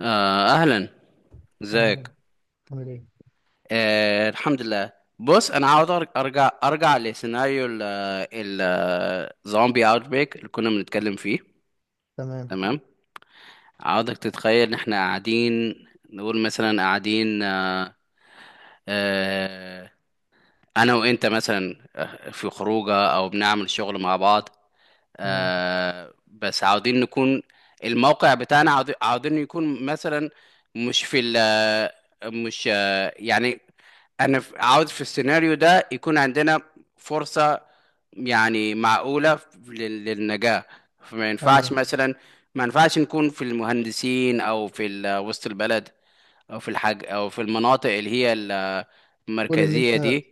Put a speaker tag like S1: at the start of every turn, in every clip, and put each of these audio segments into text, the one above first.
S1: أهلا.
S2: اهلا.
S1: ازيك؟
S2: عامل ايه.
S1: الحمد لله. بص، أنا عاوز أرجع لسيناريو ال- الزومبي أوت بريك اللي كنا بنتكلم فيه.
S2: تمام
S1: تمام. عاوزك تتخيل إن إحنا قاعدين، نقول مثلا قاعدين. آه أنا وأنت مثلا، في خروجة أو بنعمل شغل مع بعض.
S2: تمام.
S1: بس عاوزين نكون الموقع بتاعنا عاوزين يكون مثلا، مش في مش يعني انا عاوز في السيناريو ده يكون عندنا فرصة يعني معقولة للنجاة. فما ينفعش
S2: ايوه،
S1: مثلا، ما ينفعش نكون في المهندسين او في وسط البلد، او في الحاج، او في المناطق اللي هي
S2: قول ان
S1: المركزية
S2: انت،
S1: دي،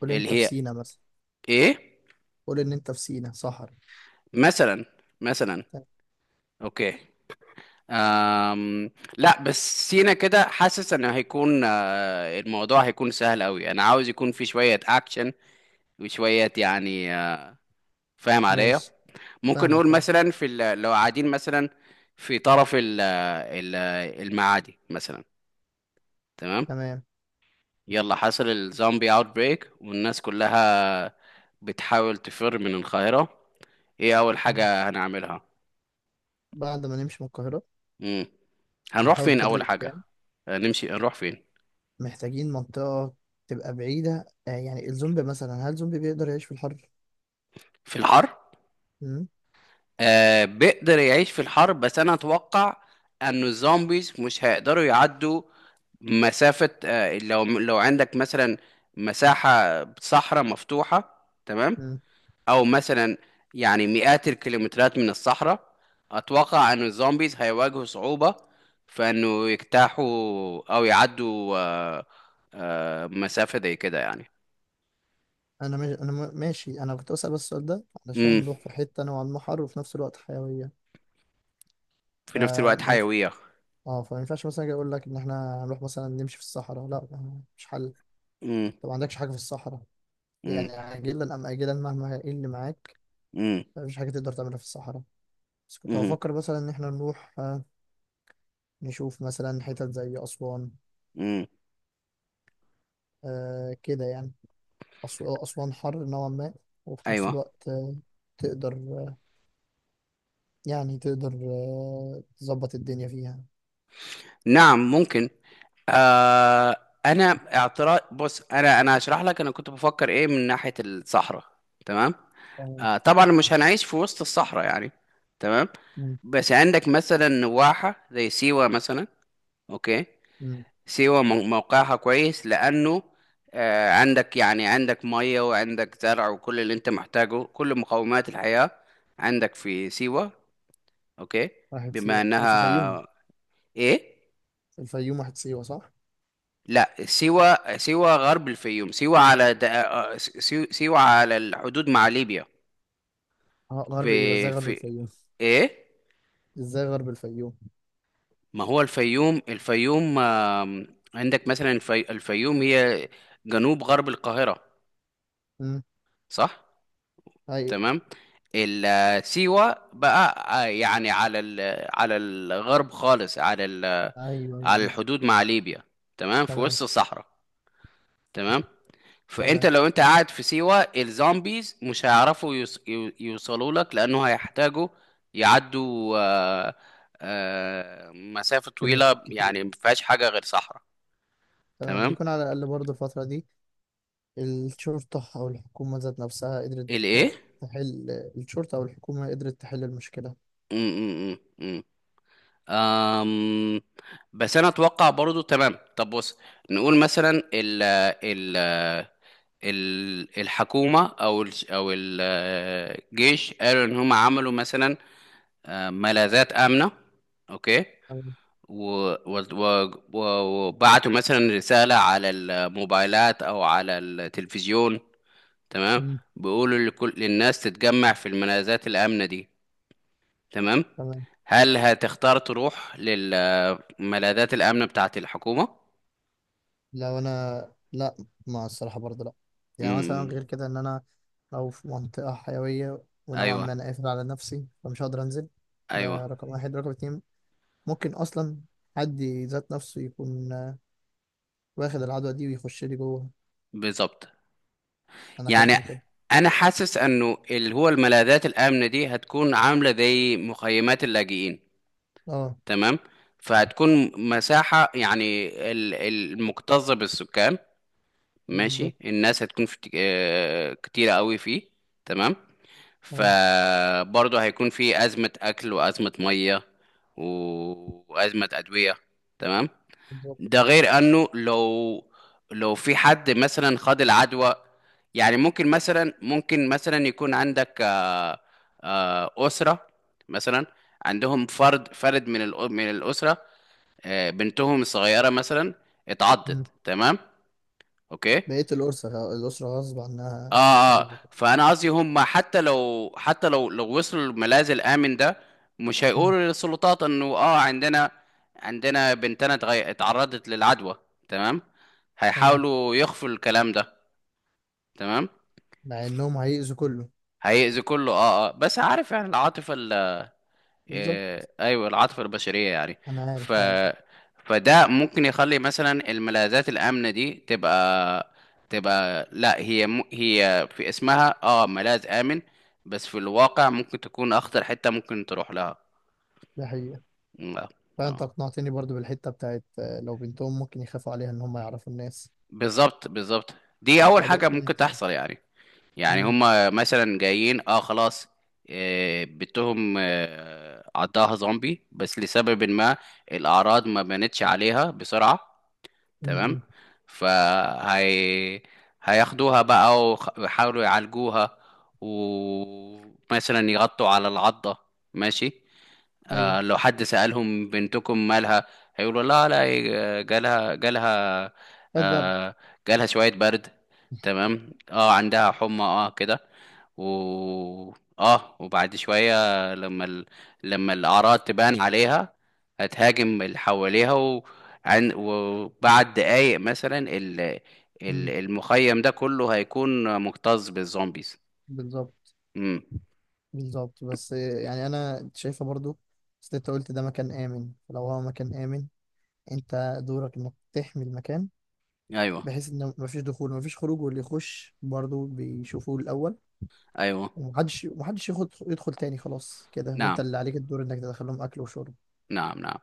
S2: قول
S1: اللي
S2: انت في
S1: هي
S2: سينا مثلا،
S1: ايه،
S2: قول ان انت في سينا صحرا.
S1: مثلا مثلا.
S2: تمام.
S1: اوكي. أم لا، بس سينا كده حاسس ان هيكون الموضوع هيكون سهل قوي، انا عاوز يكون في شوية اكشن وشوية يعني فاهم عليا؟
S2: ماشي.
S1: ممكن نقول
S2: فاهمك، اه.
S1: مثلا في لو قاعدين مثلا في طرف ال المعادي مثلا. تمام.
S2: تمام
S1: يلا، حصل الزومبي اوت بريك والناس كلها بتحاول تفر من القاهرة. ايه اول
S2: تمام.
S1: حاجة هنعملها؟
S2: بعد ما نمشي من القاهرة،
S1: مم. هنروح
S2: هنحاول
S1: فين
S2: بقدر
S1: اول حاجة؟
S2: الإمكان.
S1: نمشي نروح فين؟
S2: محتاجين منطقة تبقى بعيدة، يعني الزومبي مثلا، هل زومبي بيقدر يعيش في الحر؟
S1: في الحر.
S2: مم؟
S1: بيقدر يعيش في الحر، بس انا اتوقع انه الزومبيز مش هيقدروا يعدوا مسافة. لو عندك مثلا مساحة صحراء مفتوحة. تمام.
S2: مم.
S1: او مثلا يعني مئات الكيلومترات من الصحراء، اتوقع انه الزومبيز هيواجهوا صعوبة في انه يجتاحوا او يعدوا مسافة زي كده يعني.
S2: أنا ماشي أنا م- ماشي. أنا كنت بسأل بس السؤال ده علشان
S1: امم
S2: نروح في حتة نوعا ما حر، وفي نفس الوقت حيوية.
S1: في نفس الوقت
S2: فما ينفع
S1: حيوية.
S2: اه فما ينفعش مثلا أجي أقول لك إن إحنا هنروح مثلا نمشي في الصحراء. لا، مش حل.
S1: امم
S2: طب ما عندكش حاجة في الصحراء،
S1: امم
S2: يعني عاجلا أم آجلا، مهما إيه اللي معاك، مفيش حاجة تقدر تعملها في الصحراء. بس كنت
S1: امم
S2: هفكر مثلا إن إحنا نروح، نشوف مثلا حتت زي أسوان،
S1: امم
S2: كده يعني. أس- أسوان حر نوعا ما، وفي نفس
S1: ايوه.
S2: الوقت، تقدر، يعني تقدر، تظبط الدنيا فيها.
S1: نعم، ممكن. آه انا اعتراض، بص انا هشرح لك انا كنت بفكر ايه من ناحية الصحراء. تمام.
S2: آه،
S1: طبعا مش هنعيش في وسط الصحراء يعني. تمام.
S2: مم.
S1: بس عندك مثلا نواحة زي سيوة مثلا. اوكي.
S2: مم.
S1: سيوة موقعها كويس، لانه عندك يعني عندك مية، وعندك زرع، وكل اللي انت محتاجه، كل مقومات الحياة عندك في سيوة. اوكي.
S2: واحد،
S1: بما
S2: سيوة دي في الفيوم،
S1: انها ايه،
S2: في الفيوم واحد، سيوة، صح؟
S1: لا، سيوة غرب الفيوم، سيوة على د... آه، سيو- سيوة على الحدود مع ليبيا.
S2: غرب إيه؟ بس
S1: في
S2: إزاي غرب
S1: في
S2: الفيوم؟
S1: ايه.
S2: إزاي غرب الفيوم؟
S1: ما هو الفيوم عندك مثلا الفيوم هي جنوب غرب القاهرة،
S2: مم،
S1: صح.
S2: أيوه
S1: تمام. سيوة بقى يعني على على الغرب خالص، على
S2: أيوه
S1: على
S2: أيوه.
S1: الحدود مع ليبيا. تمام، في
S2: تمام
S1: وسط الصحراء. تمام. فانت
S2: تمام.
S1: لو انت قاعد في سيوة، الزومبيز مش هيعرفوا يوصلوا لك، لانه هيحتاجوا يعدوا مسافة
S2: كيلومترات
S1: طويلة
S2: كتير.
S1: يعني ما فيهاش حاجة غير صحراء.
S2: تمام،
S1: تمام.
S2: يكون على الأقل برضه الفترة دي الشرطة أو الحكومة ذات نفسها قدرت
S1: الايه؟
S2: تحل. الشرطة أو الحكومة قدرت تحل المشكلة.
S1: م- م- م- م. أم... بس انا اتوقع برضو. تمام، طب بص، نقول مثلا ال الحكومة او الجيش قالوا ان هم عملوا مثلا ملاذات آمنة. اوكي.
S2: تمام.
S1: و... و... و... و- وبعتوا مثلا رسالة على الموبايلات أو على التلفزيون. تمام.
S2: مم.
S1: بيقولوا للناس تتجمع في الملاذات الآمنة دي. تمام.
S2: تمام.
S1: هل هتختار تروح للملاذات الآمنة بتاعة الحكومة؟
S2: لو أنا، لا. ما الصراحة برضه لا، يعني مثلا
S1: امم
S2: غير كده، إن أنا لو في منطقة حيوية ونوعا
S1: أيوه
S2: ما أنا قافل على نفسي، فمش هقدر أنزل.
S1: أيوه،
S2: ده رقم واحد. رقم اتنين، ممكن أصلا حد ذات نفسه يكون، واخد العدوى دي ويخش لي جوه.
S1: بالظبط.
S2: أنا خايف
S1: يعني
S2: من كده.
S1: أنا حاسس إنه اللي هو الملاذات الآمنة دي هتكون عاملة زي مخيمات اللاجئين.
S2: أه،
S1: تمام. فهتكون مساحة يعني المكتظة بالسكان. ماشي،
S2: بالظبط.
S1: الناس هتكون في كتيرة قوي فيه. تمام.
S2: تمام.
S1: فبرضه هيكون في أزمة أكل وأزمة مية وأزمة أدوية. تمام.
S2: بالظبط.
S1: ده غير أنه لو في حد مثلا خد العدوى، يعني ممكن مثلا يكون عندك أسرة مثلا، عندهم فرد من من الأسرة، بنتهم الصغيرة مثلا اتعضت. تمام. اوكي.
S2: بقية الأسرة غصب عنها هيحصل
S1: اه
S2: لها كده.
S1: فانا قصدي، هم حتى لو حتى لو وصلوا الملاذ الامن ده، مش
S2: مم،
S1: هيقولوا للسلطات انه عندنا، بنتنا اتعرضت للعدوى. تمام.
S2: تمام.
S1: هيحاولوا يخفوا الكلام ده. تمام.
S2: مع إنهم هيأذوا كله.
S1: هيأذي كله، بس عارف يعني العاطفة.
S2: بالظبط.
S1: إيه، ايوه، العاطفه البشريه يعني.
S2: أنا
S1: ف
S2: عارف عارف.
S1: فده ممكن يخلي مثلا الملاذات الامنه دي تبقى لا، هي هي في اسمها ملاذ امن، بس في الواقع ممكن تكون اخطر حته ممكن تروح لها.
S2: دي حقيقة.
S1: لا.
S2: فأنت
S1: اه،
S2: أقنعتني برضو بالحتة بتاعت، لو بنتهم ممكن يخافوا عليها إن هم يعرفوا الناس.
S1: بالظبط بالظبط. دي اول
S2: آه، ده
S1: حاجه
S2: ممكن
S1: ممكن
S2: يحصل.
S1: تحصل يعني. يعني
S2: مم،
S1: هما مثلا جايين، خلاص بيتهم، عضها زومبي بس لسبب ما الأعراض ما بانتش عليها بسرعة.
S2: مم،
S1: تمام.
S2: مم.
S1: فهي هياخدوها بقى ويحاولوا يعالجوها، ومثلا يغطوا على العضة. ماشي.
S2: أيوه،
S1: لو حد سألهم بنتكم مالها، هيقولوا لا لا، آه، جالها جالها
S2: هات برد.
S1: آه، جالها شوية برد. تمام، عندها حمى، كده. و اه وبعد شوية، لما ال... لما الأعراض تبان عليها، هتهاجم اللي حواليها وبعد دقايق مثلا،
S2: مم،
S1: المخيم ده كله هيكون مكتظ بالزومبيز.
S2: بالظبط
S1: امم
S2: بالظبط. بس، يعني أنا شايفة برضو، بس أنت قلت ده مكان آمن. فلو هو مكان آمن، أنت دورك إنك تحمي المكان،
S1: ايوه
S2: بحيث إن مفيش دخول مفيش خروج، واللي يخش برضو بيشوفوه الأول،
S1: ايوه.
S2: ومحدش، ومحدش ياخد يدخل تاني. خلاص كده، وانت
S1: نعم
S2: اللي عليك الدور انك تدخل لهم اكل وشرب.
S1: نعم نعم.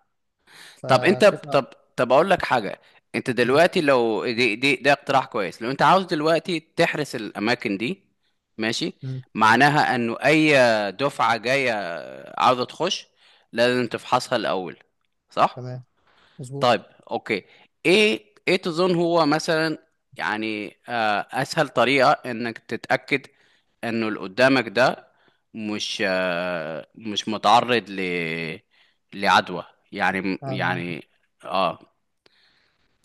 S1: طب انت طب
S2: فشايفها.
S1: طب اقول لك حاجه. انت
S2: مم،
S1: دلوقتي، لو دي دي ده اقتراح كويس، لو انت عاوز دلوقتي تحرس الاماكن دي، ماشي،
S2: مم،
S1: معناها انه اي دفعه جايه عاوزه تخش، لازم تفحصها الاول. صح؟
S2: تمام
S1: طيب.
S2: مظبوط.
S1: اوكي. ايه تظن هو مثلا يعني اسهل طريقة انك تتأكد انه اللي قدامك ده مش متعرض لعدوى يعني
S2: انا
S1: يعني اه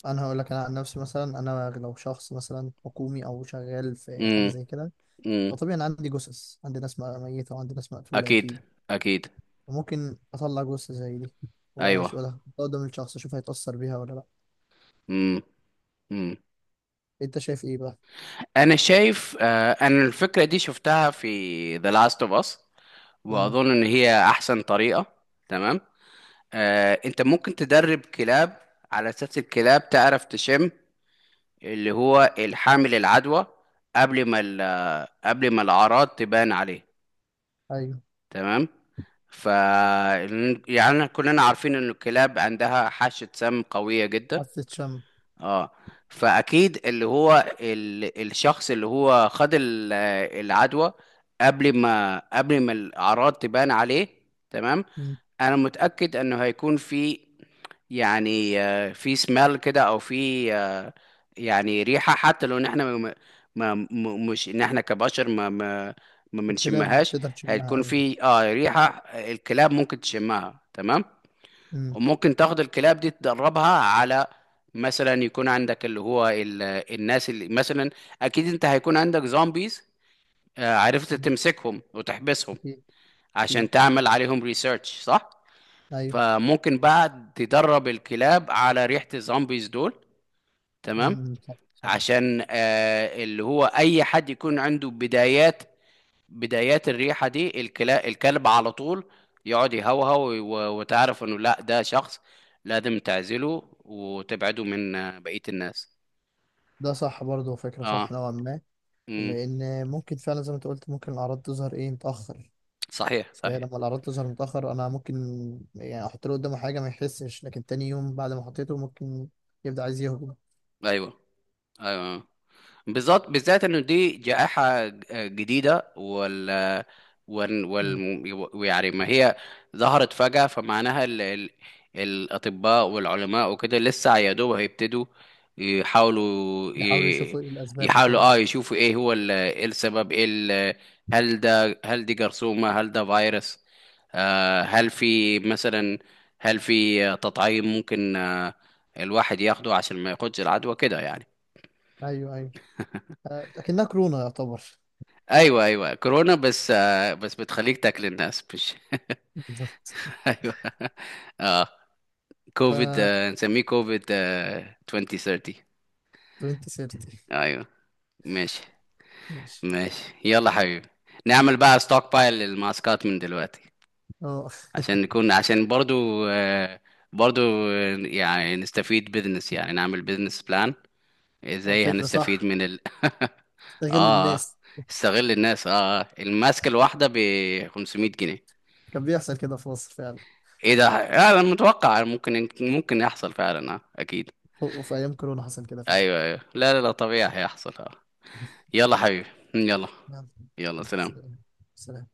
S2: انا هقول لك، انا عن نفسي مثلا، انا لو شخص مثلا حكومي او شغال في حاجه
S1: امم
S2: زي كده،
S1: امم
S2: فطبيعي انا عندي جثث، عندي ناس ميته وعندي ناس مقتوله،
S1: اكيد
S2: اكيد.
S1: اكيد.
S2: وممكن اطلع جثه زي دي
S1: ايوه.
S2: واشوفها قدام الشخص، اشوف هيتاثر بيها ولا لا.
S1: امم امم
S2: انت شايف ايه بقى؟
S1: انا شايف انا الفكرة دي شفتها في The Last of Us،
S2: مم.
S1: واظن ان هي احسن طريقة. تمام. انت ممكن تدرب كلاب، على اساس الكلاب تعرف تشم اللي هو الحامل العدوى قبل ما الاعراض تبان عليه.
S2: ايوه،
S1: تمام. ف يعني كلنا عارفين ان الكلاب عندها حاسة سم قوية جدا.
S2: حاسه شم.
S1: اه فاكيد اللي هو الشخص اللي هو خد العدوى، قبل ما الاعراض تبان عليه. تمام.
S2: مم.
S1: انا متأكد انه هيكون في يعني في سمال كده، او في يعني ريحه، حتى لو ان احنا مش ان احنا كبشر ما
S2: الكلاب
S1: بنشمهاش.
S2: تقدر تشمها،
S1: هتكون
S2: ايوه.
S1: في ريحه، الكلاب ممكن تشمها. تمام.
S2: مم.
S1: وممكن تاخد الكلاب دي تدربها على، مثلا يكون عندك اللي هو الناس اللي مثلا، اكيد انت هيكون عندك زومبيز عرفت
S2: مم.
S1: تمسكهم وتحبسهم
S2: اكيد اكيد.
S1: عشان تعمل عليهم ريسيرش. صح.
S2: ايوه.
S1: فممكن بقى تدرب الكلاب على ريحة الزومبيز دول. تمام.
S2: امم، صح صح.
S1: عشان اللي هو اي حد يكون عنده بدايات بدايات الريحة دي، الكلب على طول يقعد يهوهو، وتعرف انه لا، ده شخص لازم تعزله وتبعده من بقية الناس.
S2: ده صح برضه، فكرة
S1: اه.
S2: صح نوعا ما.
S1: امم.
S2: لأن ممكن فعلا زي ما انت قلت، ممكن الأعراض تظهر إيه متأخر.
S1: صحيح صحيح.
S2: فلما الأعراض تظهر متأخر، أنا ممكن، يعني، أحط له قدامه حاجة ما يحسش، لكن تاني يوم بعد ما حطيته ممكن يبدأ عايز يهجم.
S1: ايوه ايوه. بالذات بالذات، انه دي جائحة جديدة،
S2: مم.
S1: ويعني ما هي ظهرت فجأة، فمعناها الأطباء والعلماء وكده لسه يا دوب هيبتدوا يحاولوا
S2: يحاولوا يشوفوا إيه الأسباب
S1: يحاولوا
S2: وكده.
S1: يشوفوا ايه هو ايه السبب، ايه هل دي جرثومة، هل ده فيروس. هل في مثلا هل في تطعيم ممكن الواحد ياخده عشان ما ياخدش العدوى كده يعني.
S2: أيوه أيوه، لكنها كورونا يعتبر.
S1: ايوه ايوه، كورونا، بس بتخليك تاكل الناس مش
S2: بالظبط.
S1: ايوه. اه
S2: ف
S1: كوفيد، نسميه كوفيد 2030.
S2: 2030.
S1: ايوه. ماشي
S2: ماشي.
S1: ماشي. يلا حبيبي، نعمل بقى ستوك بايل للماسكات من دلوقتي،
S2: اه،
S1: عشان نكون، عشان برضو برضو يعني نستفيد بزنس، يعني نعمل بزنس بلان. ازاي
S2: فكرة
S1: هنستفيد
S2: صح.
S1: من ال اه
S2: استغل
S1: آه.
S2: الناس.
S1: استغل الناس. الماسكة الواحدة ب 500 جنيه.
S2: كان بيحصل كده في مصر فعلا.
S1: ايه ده. انا متوقع ممكن يحصل فعلا. اه اكيد.
S2: وفي أيام كورونا حصل كده فعلا.
S1: ايوه ايوه. لا لا لا، طبيعي هيحصل. اه يلا حبيبي. يلا.
S2: يلا
S1: يلا سلام.
S2: سلام. سلام.